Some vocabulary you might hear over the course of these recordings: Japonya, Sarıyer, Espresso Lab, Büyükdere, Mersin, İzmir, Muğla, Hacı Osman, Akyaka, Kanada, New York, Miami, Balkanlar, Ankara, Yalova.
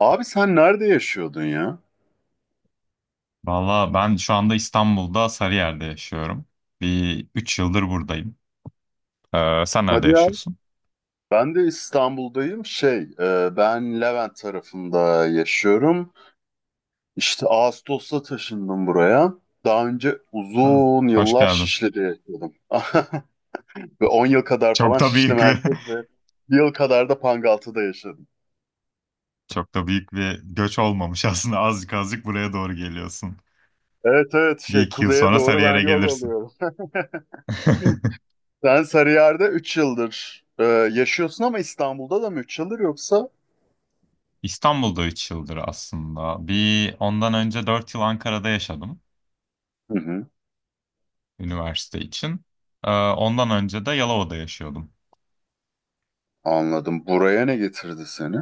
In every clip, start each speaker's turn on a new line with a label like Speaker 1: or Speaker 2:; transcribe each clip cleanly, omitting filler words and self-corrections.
Speaker 1: Abi sen nerede yaşıyordun ya?
Speaker 2: Valla ben şu anda İstanbul'da Sarıyer'de yaşıyorum. Bir 3 yıldır buradayım. Sen nerede
Speaker 1: Hadi ya.
Speaker 2: yaşıyorsun?
Speaker 1: Ben de İstanbul'dayım. Şey, ben Levent tarafında yaşıyorum. İşte Ağustos'ta taşındım buraya. Daha önce
Speaker 2: Ha,
Speaker 1: uzun
Speaker 2: hoş
Speaker 1: yıllar
Speaker 2: geldin.
Speaker 1: Şişli'de yaşadım. Ve 10 yıl kadar falan
Speaker 2: Çok da
Speaker 1: Şişli
Speaker 2: büyük bir
Speaker 1: merkez ve bir yıl kadar da Pangaltı'da yaşadım.
Speaker 2: çok da büyük bir göç olmamış aslında. Azıcık azıcık buraya doğru geliyorsun.
Speaker 1: Evet, evet,
Speaker 2: Bir
Speaker 1: şey
Speaker 2: iki yıl
Speaker 1: kuzeye
Speaker 2: sonra
Speaker 1: doğru ben
Speaker 2: Sarıyer'e
Speaker 1: yol
Speaker 2: gelirsin.
Speaker 1: alıyorum. Sen Sarıyer'de 3 yıldır yaşıyorsun ama İstanbul'da da mı 3 yıldır yoksa?
Speaker 2: İstanbul'da 3 yıldır aslında. Bir ondan önce 4 yıl Ankara'da yaşadım
Speaker 1: Hı hı,
Speaker 2: üniversite için. Ondan önce de Yalova'da yaşıyordum.
Speaker 1: anladım. Buraya ne getirdi seni?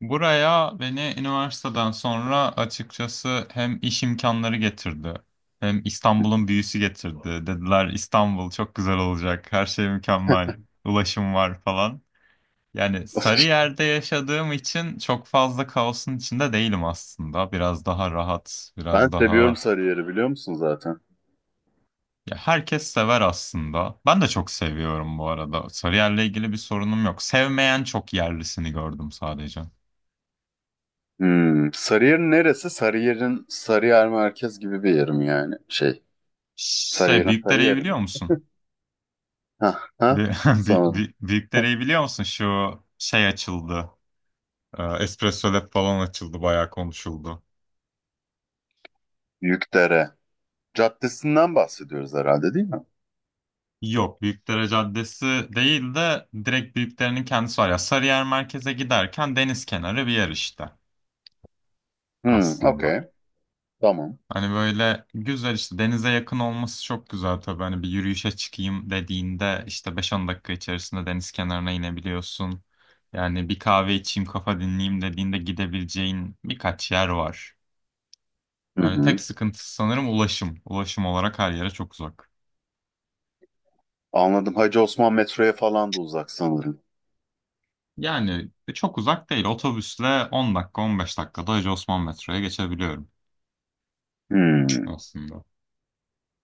Speaker 2: Buraya beni üniversiteden sonra açıkçası hem iş imkanları getirdi, hem İstanbul'un büyüsü getirdi. Dediler İstanbul çok güzel olacak, her şey mükemmel, ulaşım var falan. Yani Sarıyer'de yaşadığım için çok fazla kaosun içinde değilim aslında. Biraz daha rahat,
Speaker 1: Ben
Speaker 2: biraz
Speaker 1: seviyorum
Speaker 2: daha...
Speaker 1: Sarıyer'i, biliyor musun zaten?
Speaker 2: Ya herkes sever aslında. Ben de çok seviyorum bu arada. Sarıyer'le ilgili bir sorunum yok. Sevmeyen çok yerlisini gördüm sadece.
Speaker 1: Hmm. Sarıyer'in neresi? Sarıyer'in Sarıyer merkez gibi bir yerim yani. Şey,
Speaker 2: Şey,
Speaker 1: Sarıyer'in
Speaker 2: Büyükdere'yi
Speaker 1: Sarıyer'i mi?
Speaker 2: biliyor musun?
Speaker 1: Ha ha. Sanırım. Hah,
Speaker 2: Büyükdere'yi biliyor musun? Şu şey açıldı. Espresso Lab falan açıldı. Bayağı konuşuldu.
Speaker 1: Yükdere Caddesinden bahsediyoruz herhalde, değil mi?
Speaker 2: Yok. Büyükdere Caddesi değil de direkt Büyükdere'nin kendisi var. Ya Sarıyer merkeze giderken deniz kenarı bir yer işte
Speaker 1: Hmm,
Speaker 2: aslında.
Speaker 1: okey. Tamam.
Speaker 2: Hani böyle güzel işte denize yakın olması çok güzel tabii. Hani bir yürüyüşe çıkayım dediğinde işte beş on dakika içerisinde deniz kenarına inebiliyorsun. Yani bir kahve içeyim kafa dinleyeyim dediğinde gidebileceğin birkaç yer var.
Speaker 1: Hı
Speaker 2: Yani
Speaker 1: hı.
Speaker 2: tek sıkıntısı sanırım ulaşım. Ulaşım olarak her yere çok uzak.
Speaker 1: Anladım. Hacı Osman metroya falan da uzak sanırım.
Speaker 2: Yani çok uzak değil. Otobüsle 10 dakika 15 dakikada Hacı Osman metroya geçebiliyorum
Speaker 1: Hmm.
Speaker 2: aslında.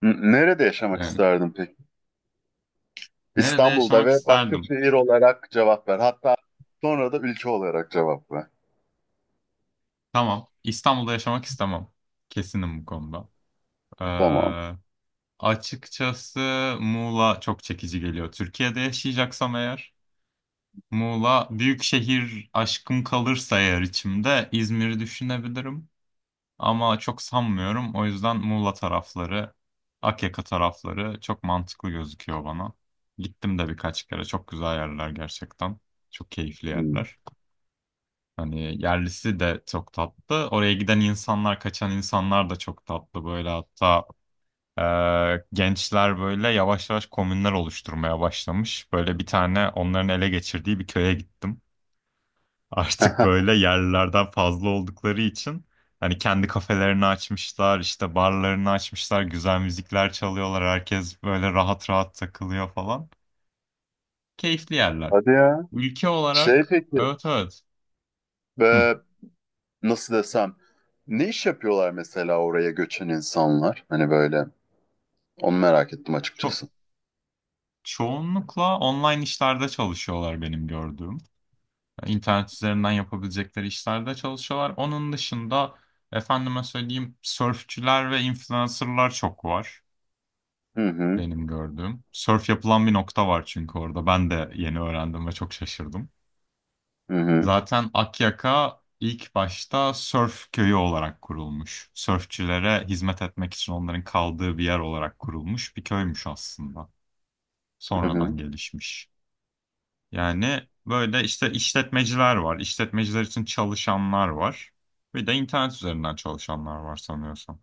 Speaker 1: Nerede yaşamak
Speaker 2: Yani
Speaker 1: isterdin peki?
Speaker 2: nerede
Speaker 1: İstanbul'da
Speaker 2: yaşamak
Speaker 1: ve başka
Speaker 2: isterdim?
Speaker 1: şehir olarak cevap ver. Hatta sonra da ülke olarak cevap ver.
Speaker 2: Tamam. İstanbul'da yaşamak istemem. Kesinim bu konuda.
Speaker 1: Tamam.
Speaker 2: Ee, Açıkçası Muğla çok çekici geliyor. Türkiye'de yaşayacaksam eğer Muğla büyük şehir aşkım kalırsa eğer içimde İzmir'i düşünebilirim. Ama çok sanmıyorum. O yüzden Muğla tarafları, Akyaka tarafları çok mantıklı gözüküyor bana. Gittim de birkaç kere. Çok güzel yerler gerçekten. Çok keyifli
Speaker 1: Hmm.
Speaker 2: yerler. Hani yerlisi de çok tatlı. Oraya giden insanlar, kaçan insanlar da çok tatlı. Böyle hatta e, gençler böyle yavaş yavaş komünler oluşturmaya başlamış. Böyle bir tane onların ele geçirdiği bir köye gittim artık böyle yerlilerden fazla oldukları için hani kendi kafelerini açmışlar, işte barlarını açmışlar, güzel müzikler çalıyorlar, herkes böyle rahat rahat takılıyor falan. Keyifli yerler.
Speaker 1: Hadi ya.
Speaker 2: Ülke
Speaker 1: Şey
Speaker 2: olarak
Speaker 1: peki,
Speaker 2: evet, evet. Hı.
Speaker 1: e, nasıl desem, ne iş yapıyorlar mesela oraya göçen insanlar? Hani böyle, onu merak ettim
Speaker 2: Çok
Speaker 1: açıkçası.
Speaker 2: çoğunlukla online işlerde çalışıyorlar benim gördüğüm. İnternet üzerinden yapabilecekleri işlerde çalışıyorlar. Onun dışında efendime söyleyeyim sörfçüler ve influencerlar çok var.
Speaker 1: Hı hı,
Speaker 2: Benim gördüğüm. Sörf yapılan bir nokta var çünkü orada. Ben de yeni öğrendim ve çok şaşırdım.
Speaker 1: hı hı,
Speaker 2: Zaten Akyaka ilk başta sörf köyü olarak kurulmuş. Sörfçülere hizmet etmek için onların kaldığı bir yer olarak kurulmuş bir köymüş aslında.
Speaker 1: hı
Speaker 2: Sonradan
Speaker 1: hı.
Speaker 2: gelişmiş. Yani böyle işte işletmeciler var. İşletmeciler için çalışanlar var. Bir de internet üzerinden çalışanlar var sanıyorsam.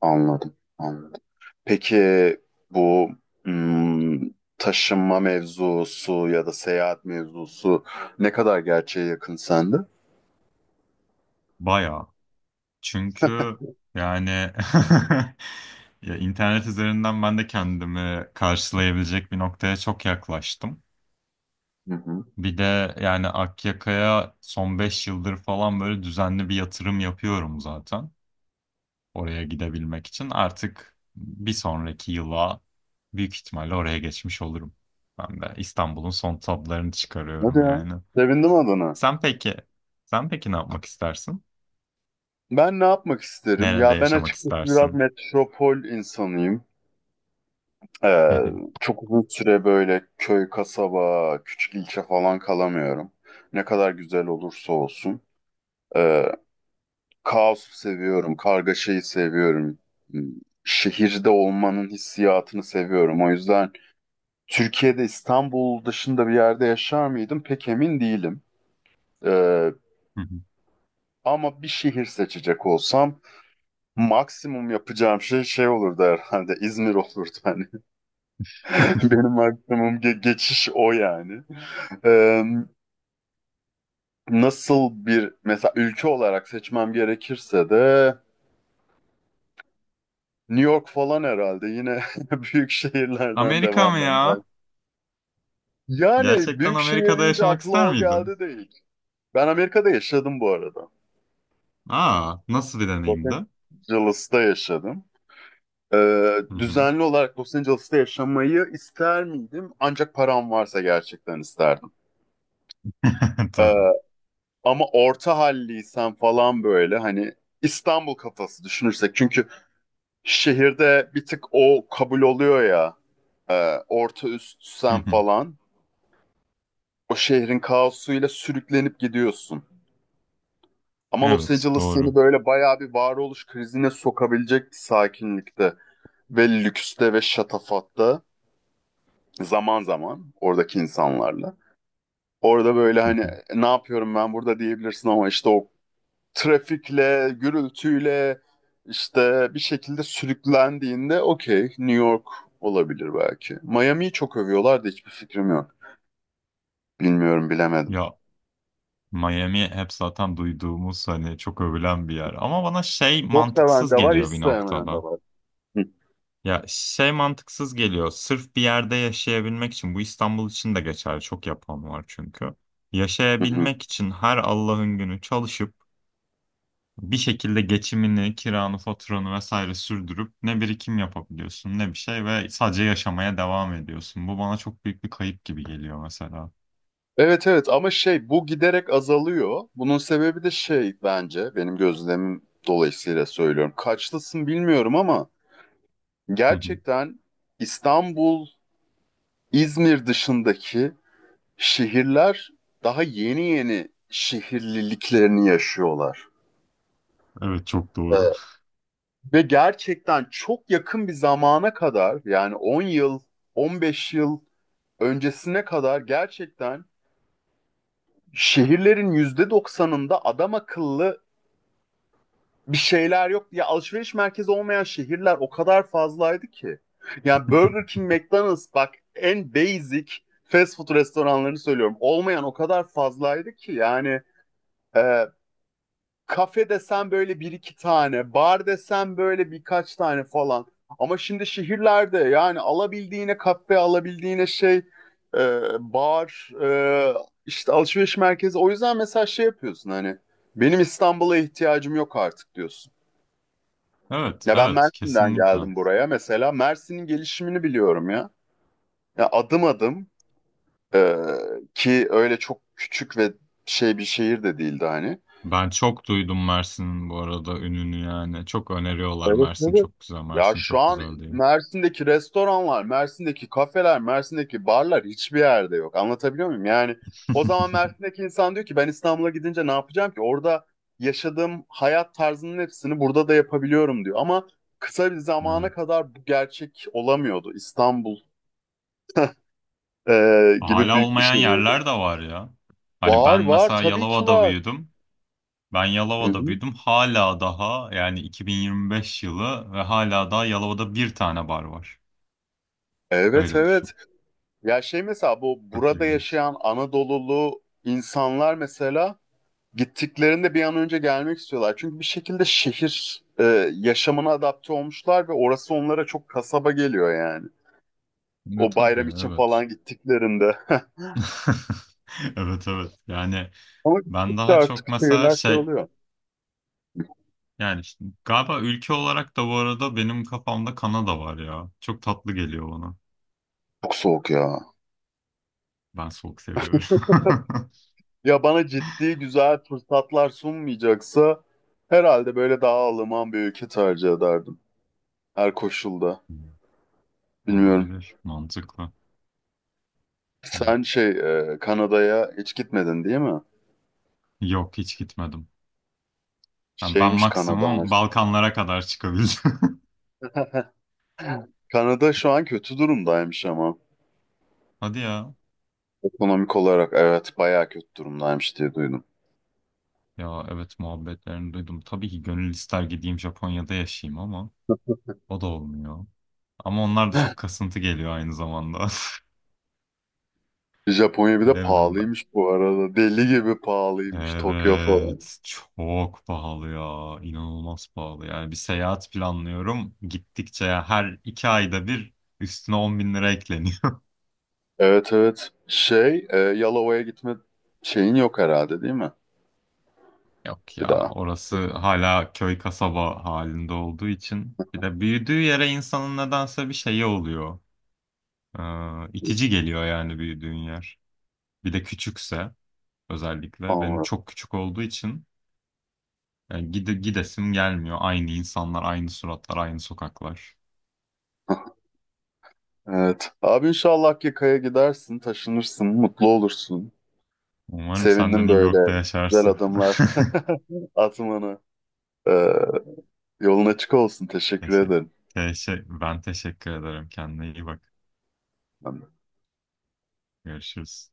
Speaker 1: Anladım, anladım. Peki bu hmm, taşınma mevzusu ya da seyahat mevzusu ne kadar gerçeğe yakın sende?
Speaker 2: Bayağı. Çünkü yani ya internet üzerinden ben de kendimi karşılayabilecek bir noktaya çok yaklaştım.
Speaker 1: Hı hı.
Speaker 2: Bir de yani Akyaka'ya son 5 yıldır falan böyle düzenli bir yatırım yapıyorum zaten. Oraya gidebilmek için. Artık bir sonraki yıla büyük ihtimalle oraya geçmiş olurum. Ben de İstanbul'un son tadlarını
Speaker 1: Hadi
Speaker 2: çıkarıyorum
Speaker 1: ya.
Speaker 2: yani.
Speaker 1: Sevindim adına.
Speaker 2: Sen peki, sen peki ne yapmak istersin?
Speaker 1: Ben ne yapmak isterim?
Speaker 2: Nerede
Speaker 1: Ya ben
Speaker 2: yaşamak
Speaker 1: açıkçası biraz
Speaker 2: istersin?
Speaker 1: metropol insanıyım. Ee,
Speaker 2: Hı
Speaker 1: çok uzun süre böyle köy, kasaba, küçük ilçe falan kalamıyorum. Ne kadar güzel olursa olsun. Ee, kaosu seviyorum, kargaşayı seviyorum. Hmm, Şehirde olmanın hissiyatını seviyorum. O yüzden Türkiye'de İstanbul dışında bir yerde yaşar mıydım pek emin değilim. Ee,
Speaker 2: hı.
Speaker 1: ama bir şehir seçecek olsam maksimum yapacağım şey olurdu herhalde İzmir olurdu hani. Benim maksimum geçiş o yani. Ee, nasıl bir mesela ülke olarak seçmem gerekirse de New York falan herhalde yine büyük şehirlerden
Speaker 2: Amerika mı
Speaker 1: devam ben
Speaker 2: ya?
Speaker 1: de. Yani
Speaker 2: Gerçekten
Speaker 1: büyük şehir
Speaker 2: Amerika'da
Speaker 1: deyince
Speaker 2: yaşamak
Speaker 1: akla
Speaker 2: ister
Speaker 1: o
Speaker 2: miydin?
Speaker 1: geldi, değil? Ben Amerika'da yaşadım bu arada.
Speaker 2: Aa, nasıl bir
Speaker 1: Los
Speaker 2: deneyimdi?
Speaker 1: Angeles'ta yaşadım.
Speaker 2: Hı hı.
Speaker 1: Düzenli olarak Los Angeles'ta yaşamayı ister miydim? Ancak param varsa gerçekten isterdim. Ee,
Speaker 2: Tabii.
Speaker 1: ama orta halliysen falan, böyle hani İstanbul kafası düşünürsek, çünkü şehirde bir tık o kabul oluyor ya. Orta üst
Speaker 2: Hı
Speaker 1: sen
Speaker 2: hı.
Speaker 1: falan. O şehrin kaosuyla sürüklenip gidiyorsun. Ama Los
Speaker 2: Evet,
Speaker 1: Angeles seni
Speaker 2: doğru.
Speaker 1: böyle bayağı bir varoluş krizine sokabilecek sakinlikte ve lükste ve şatafatta, zaman zaman oradaki insanlarla. Orada böyle
Speaker 2: Hı hı.
Speaker 1: hani ne yapıyorum ben burada diyebilirsin, ama işte o trafikle, gürültüyle işte bir şekilde sürüklendiğinde okey, New York olabilir belki. Miami'yi çok övüyorlar da hiçbir fikrim yok. Bilmiyorum, bilemedim.
Speaker 2: Ya Miami hep zaten duyduğumuz hani çok övülen bir yer. Ama bana şey
Speaker 1: Çok seven de
Speaker 2: mantıksız
Speaker 1: var, hiç
Speaker 2: geliyor bir
Speaker 1: sevmeyen de
Speaker 2: noktada.
Speaker 1: var. Hı,
Speaker 2: Ya şey mantıksız geliyor. Sırf bir yerde yaşayabilmek için bu İstanbul için de geçerli. Çok yapan var çünkü.
Speaker 1: hı, hı.
Speaker 2: Yaşayabilmek için her Allah'ın günü çalışıp bir şekilde geçimini, kiranı, faturanı vesaire sürdürüp ne birikim yapabiliyorsun ne bir şey ve sadece yaşamaya devam ediyorsun. Bu bana çok büyük bir kayıp gibi geliyor mesela.
Speaker 1: Evet, evet, ama şey bu giderek azalıyor. Bunun sebebi de şey, bence, benim gözlemim dolayısıyla söylüyorum. Kaçlısın bilmiyorum ama
Speaker 2: Hı hı.
Speaker 1: gerçekten İstanbul, İzmir dışındaki şehirler daha yeni yeni şehirliliklerini yaşıyorlar.
Speaker 2: Evet çok doğru.
Speaker 1: Evet. Ve gerçekten çok yakın bir zamana kadar, yani 10 yıl, 15 yıl öncesine kadar, gerçekten şehirlerin %90'ında adam akıllı bir şeyler yok. Ya alışveriş merkezi olmayan şehirler o kadar fazlaydı ki. Yani Burger King, McDonald's, bak en basic fast food restoranlarını söylüyorum. Olmayan o kadar fazlaydı ki, yani e, Kafe desen böyle bir iki tane, bar desen böyle birkaç tane falan. Ama şimdi şehirlerde yani alabildiğine kafe, alabildiğine şey, e, bar, işte alışveriş merkezi. O yüzden mesela şey yapıyorsun hani, benim İstanbul'a ihtiyacım yok artık diyorsun.
Speaker 2: Evet,
Speaker 1: Ya ben
Speaker 2: evet
Speaker 1: Mersin'den
Speaker 2: kesinlikle.
Speaker 1: geldim buraya mesela. Mersin'in gelişimini biliyorum ya. Ya adım adım e, ki öyle çok küçük ve şey bir şehir de değildi hani.
Speaker 2: Ben çok duydum Mersin'in bu arada ününü yani. Çok öneriyorlar
Speaker 1: Evet,
Speaker 2: Mersin
Speaker 1: evet.
Speaker 2: çok güzel,
Speaker 1: Ya
Speaker 2: Mersin
Speaker 1: şu
Speaker 2: çok
Speaker 1: an
Speaker 2: güzel diye.
Speaker 1: Mersin'deki restoranlar, Mersin'deki kafeler, Mersin'deki barlar hiçbir yerde yok. Anlatabiliyor muyum? Yani o zaman Mersin'deki insan diyor ki ben İstanbul'a gidince ne yapacağım ki? Orada yaşadığım hayat tarzının hepsini burada da yapabiliyorum diyor. Ama kısa bir zamana
Speaker 2: Evet.
Speaker 1: kadar bu gerçek olamıyordu. İstanbul e, gibi
Speaker 2: Hala
Speaker 1: büyük bir
Speaker 2: olmayan
Speaker 1: şehirdi.
Speaker 2: yerler de var ya. Hani
Speaker 1: Var,
Speaker 2: ben
Speaker 1: var,
Speaker 2: mesela
Speaker 1: tabii ki
Speaker 2: Yalova'da
Speaker 1: var.
Speaker 2: büyüdüm. Ben
Speaker 1: Hı
Speaker 2: Yalova'da
Speaker 1: hı.
Speaker 2: büyüdüm. Hala daha yani 2025 yılı ve hala daha Yalova'da bir tane bar var.
Speaker 1: Evet,
Speaker 2: Öyle düşün.
Speaker 1: evet. Ya şey, mesela bu
Speaker 2: Çok
Speaker 1: burada
Speaker 2: ilginç.
Speaker 1: yaşayan Anadolulu insanlar mesela gittiklerinde bir an önce gelmek istiyorlar. Çünkü bir şekilde şehir yaşamına adapte olmuşlar ve orası onlara çok kasaba geliyor yani.
Speaker 2: Ne
Speaker 1: O
Speaker 2: tabii
Speaker 1: bayram için
Speaker 2: evet.
Speaker 1: falan gittiklerinde.
Speaker 2: Evet, evet. Yani
Speaker 1: Ama
Speaker 2: ben
Speaker 1: gittikçe
Speaker 2: daha
Speaker 1: artık
Speaker 2: çok mesela
Speaker 1: şehirler şey
Speaker 2: şey
Speaker 1: oluyor.
Speaker 2: yani işte galiba ülke olarak da bu arada benim kafamda Kanada var ya. Çok tatlı geliyor bana.
Speaker 1: Çok soğuk ya.
Speaker 2: Ben soğuk seviyorum.
Speaker 1: Ya bana ciddi güzel fırsatlar sunmayacaksa herhalde böyle daha Alman bir ülke tercih ederdim. Her koşulda.
Speaker 2: Hmm.
Speaker 1: Bilmiyorum.
Speaker 2: Olabilir. Mantıklı.
Speaker 1: Sen
Speaker 2: Evet.
Speaker 1: şey, Kanada'ya hiç gitmedin, değil mi?
Speaker 2: Yok hiç gitmedim. Yani ben
Speaker 1: Şeymiş Kanada,
Speaker 2: maksimum
Speaker 1: Kanada'mış.
Speaker 2: Balkanlara kadar çıkabildim.
Speaker 1: Kanada şu an kötü durumdaymış ama.
Speaker 2: Hadi ya.
Speaker 1: Ekonomik olarak evet, bayağı kötü durumdaymış diye duydum.
Speaker 2: Ya evet muhabbetlerini duydum. Tabii ki gönül ister gideyim Japonya'da yaşayayım ama o da olmuyor. Ama onlar da çok kasıntı geliyor aynı zamanda.
Speaker 1: Japonya bir de
Speaker 2: Bilemiyorum ben.
Speaker 1: pahalıymış bu arada. Deli gibi pahalıymış Tokyo falan.
Speaker 2: Evet çok pahalı ya. İnanılmaz pahalı. Yani bir seyahat planlıyorum. Gittikçe ya her iki ayda bir üstüne 10 bin lira ekleniyor.
Speaker 1: Evet, evet. Şey, Yalova'ya gitme şeyin yok herhalde, değil mi?
Speaker 2: Yok ya
Speaker 1: Bir daha.
Speaker 2: orası hala köy kasaba halinde olduğu için. Bir de büyüdüğü yere insanın nedense bir şeyi oluyor. Ee, itici geliyor yani büyüdüğün yer. Bir de küçükse özellikle benim
Speaker 1: Anladım.
Speaker 2: çok küçük olduğu için yani gidesim gelmiyor. Aynı insanlar, aynı suratlar, aynı sokaklar.
Speaker 1: Evet. Abi inşallah Akkaya'ya gidersin, taşınırsın, mutlu olursun.
Speaker 2: Umarım sen de
Speaker 1: Sevindim
Speaker 2: New York'ta
Speaker 1: böyle güzel
Speaker 2: yaşarsın.
Speaker 1: adımlar atmanı. E, yolun açık olsun. Teşekkür
Speaker 2: Teşekkür.
Speaker 1: ederim.
Speaker 2: Teşekkür. Ben teşekkür ederim. Kendine iyi bak. Görüşürüz.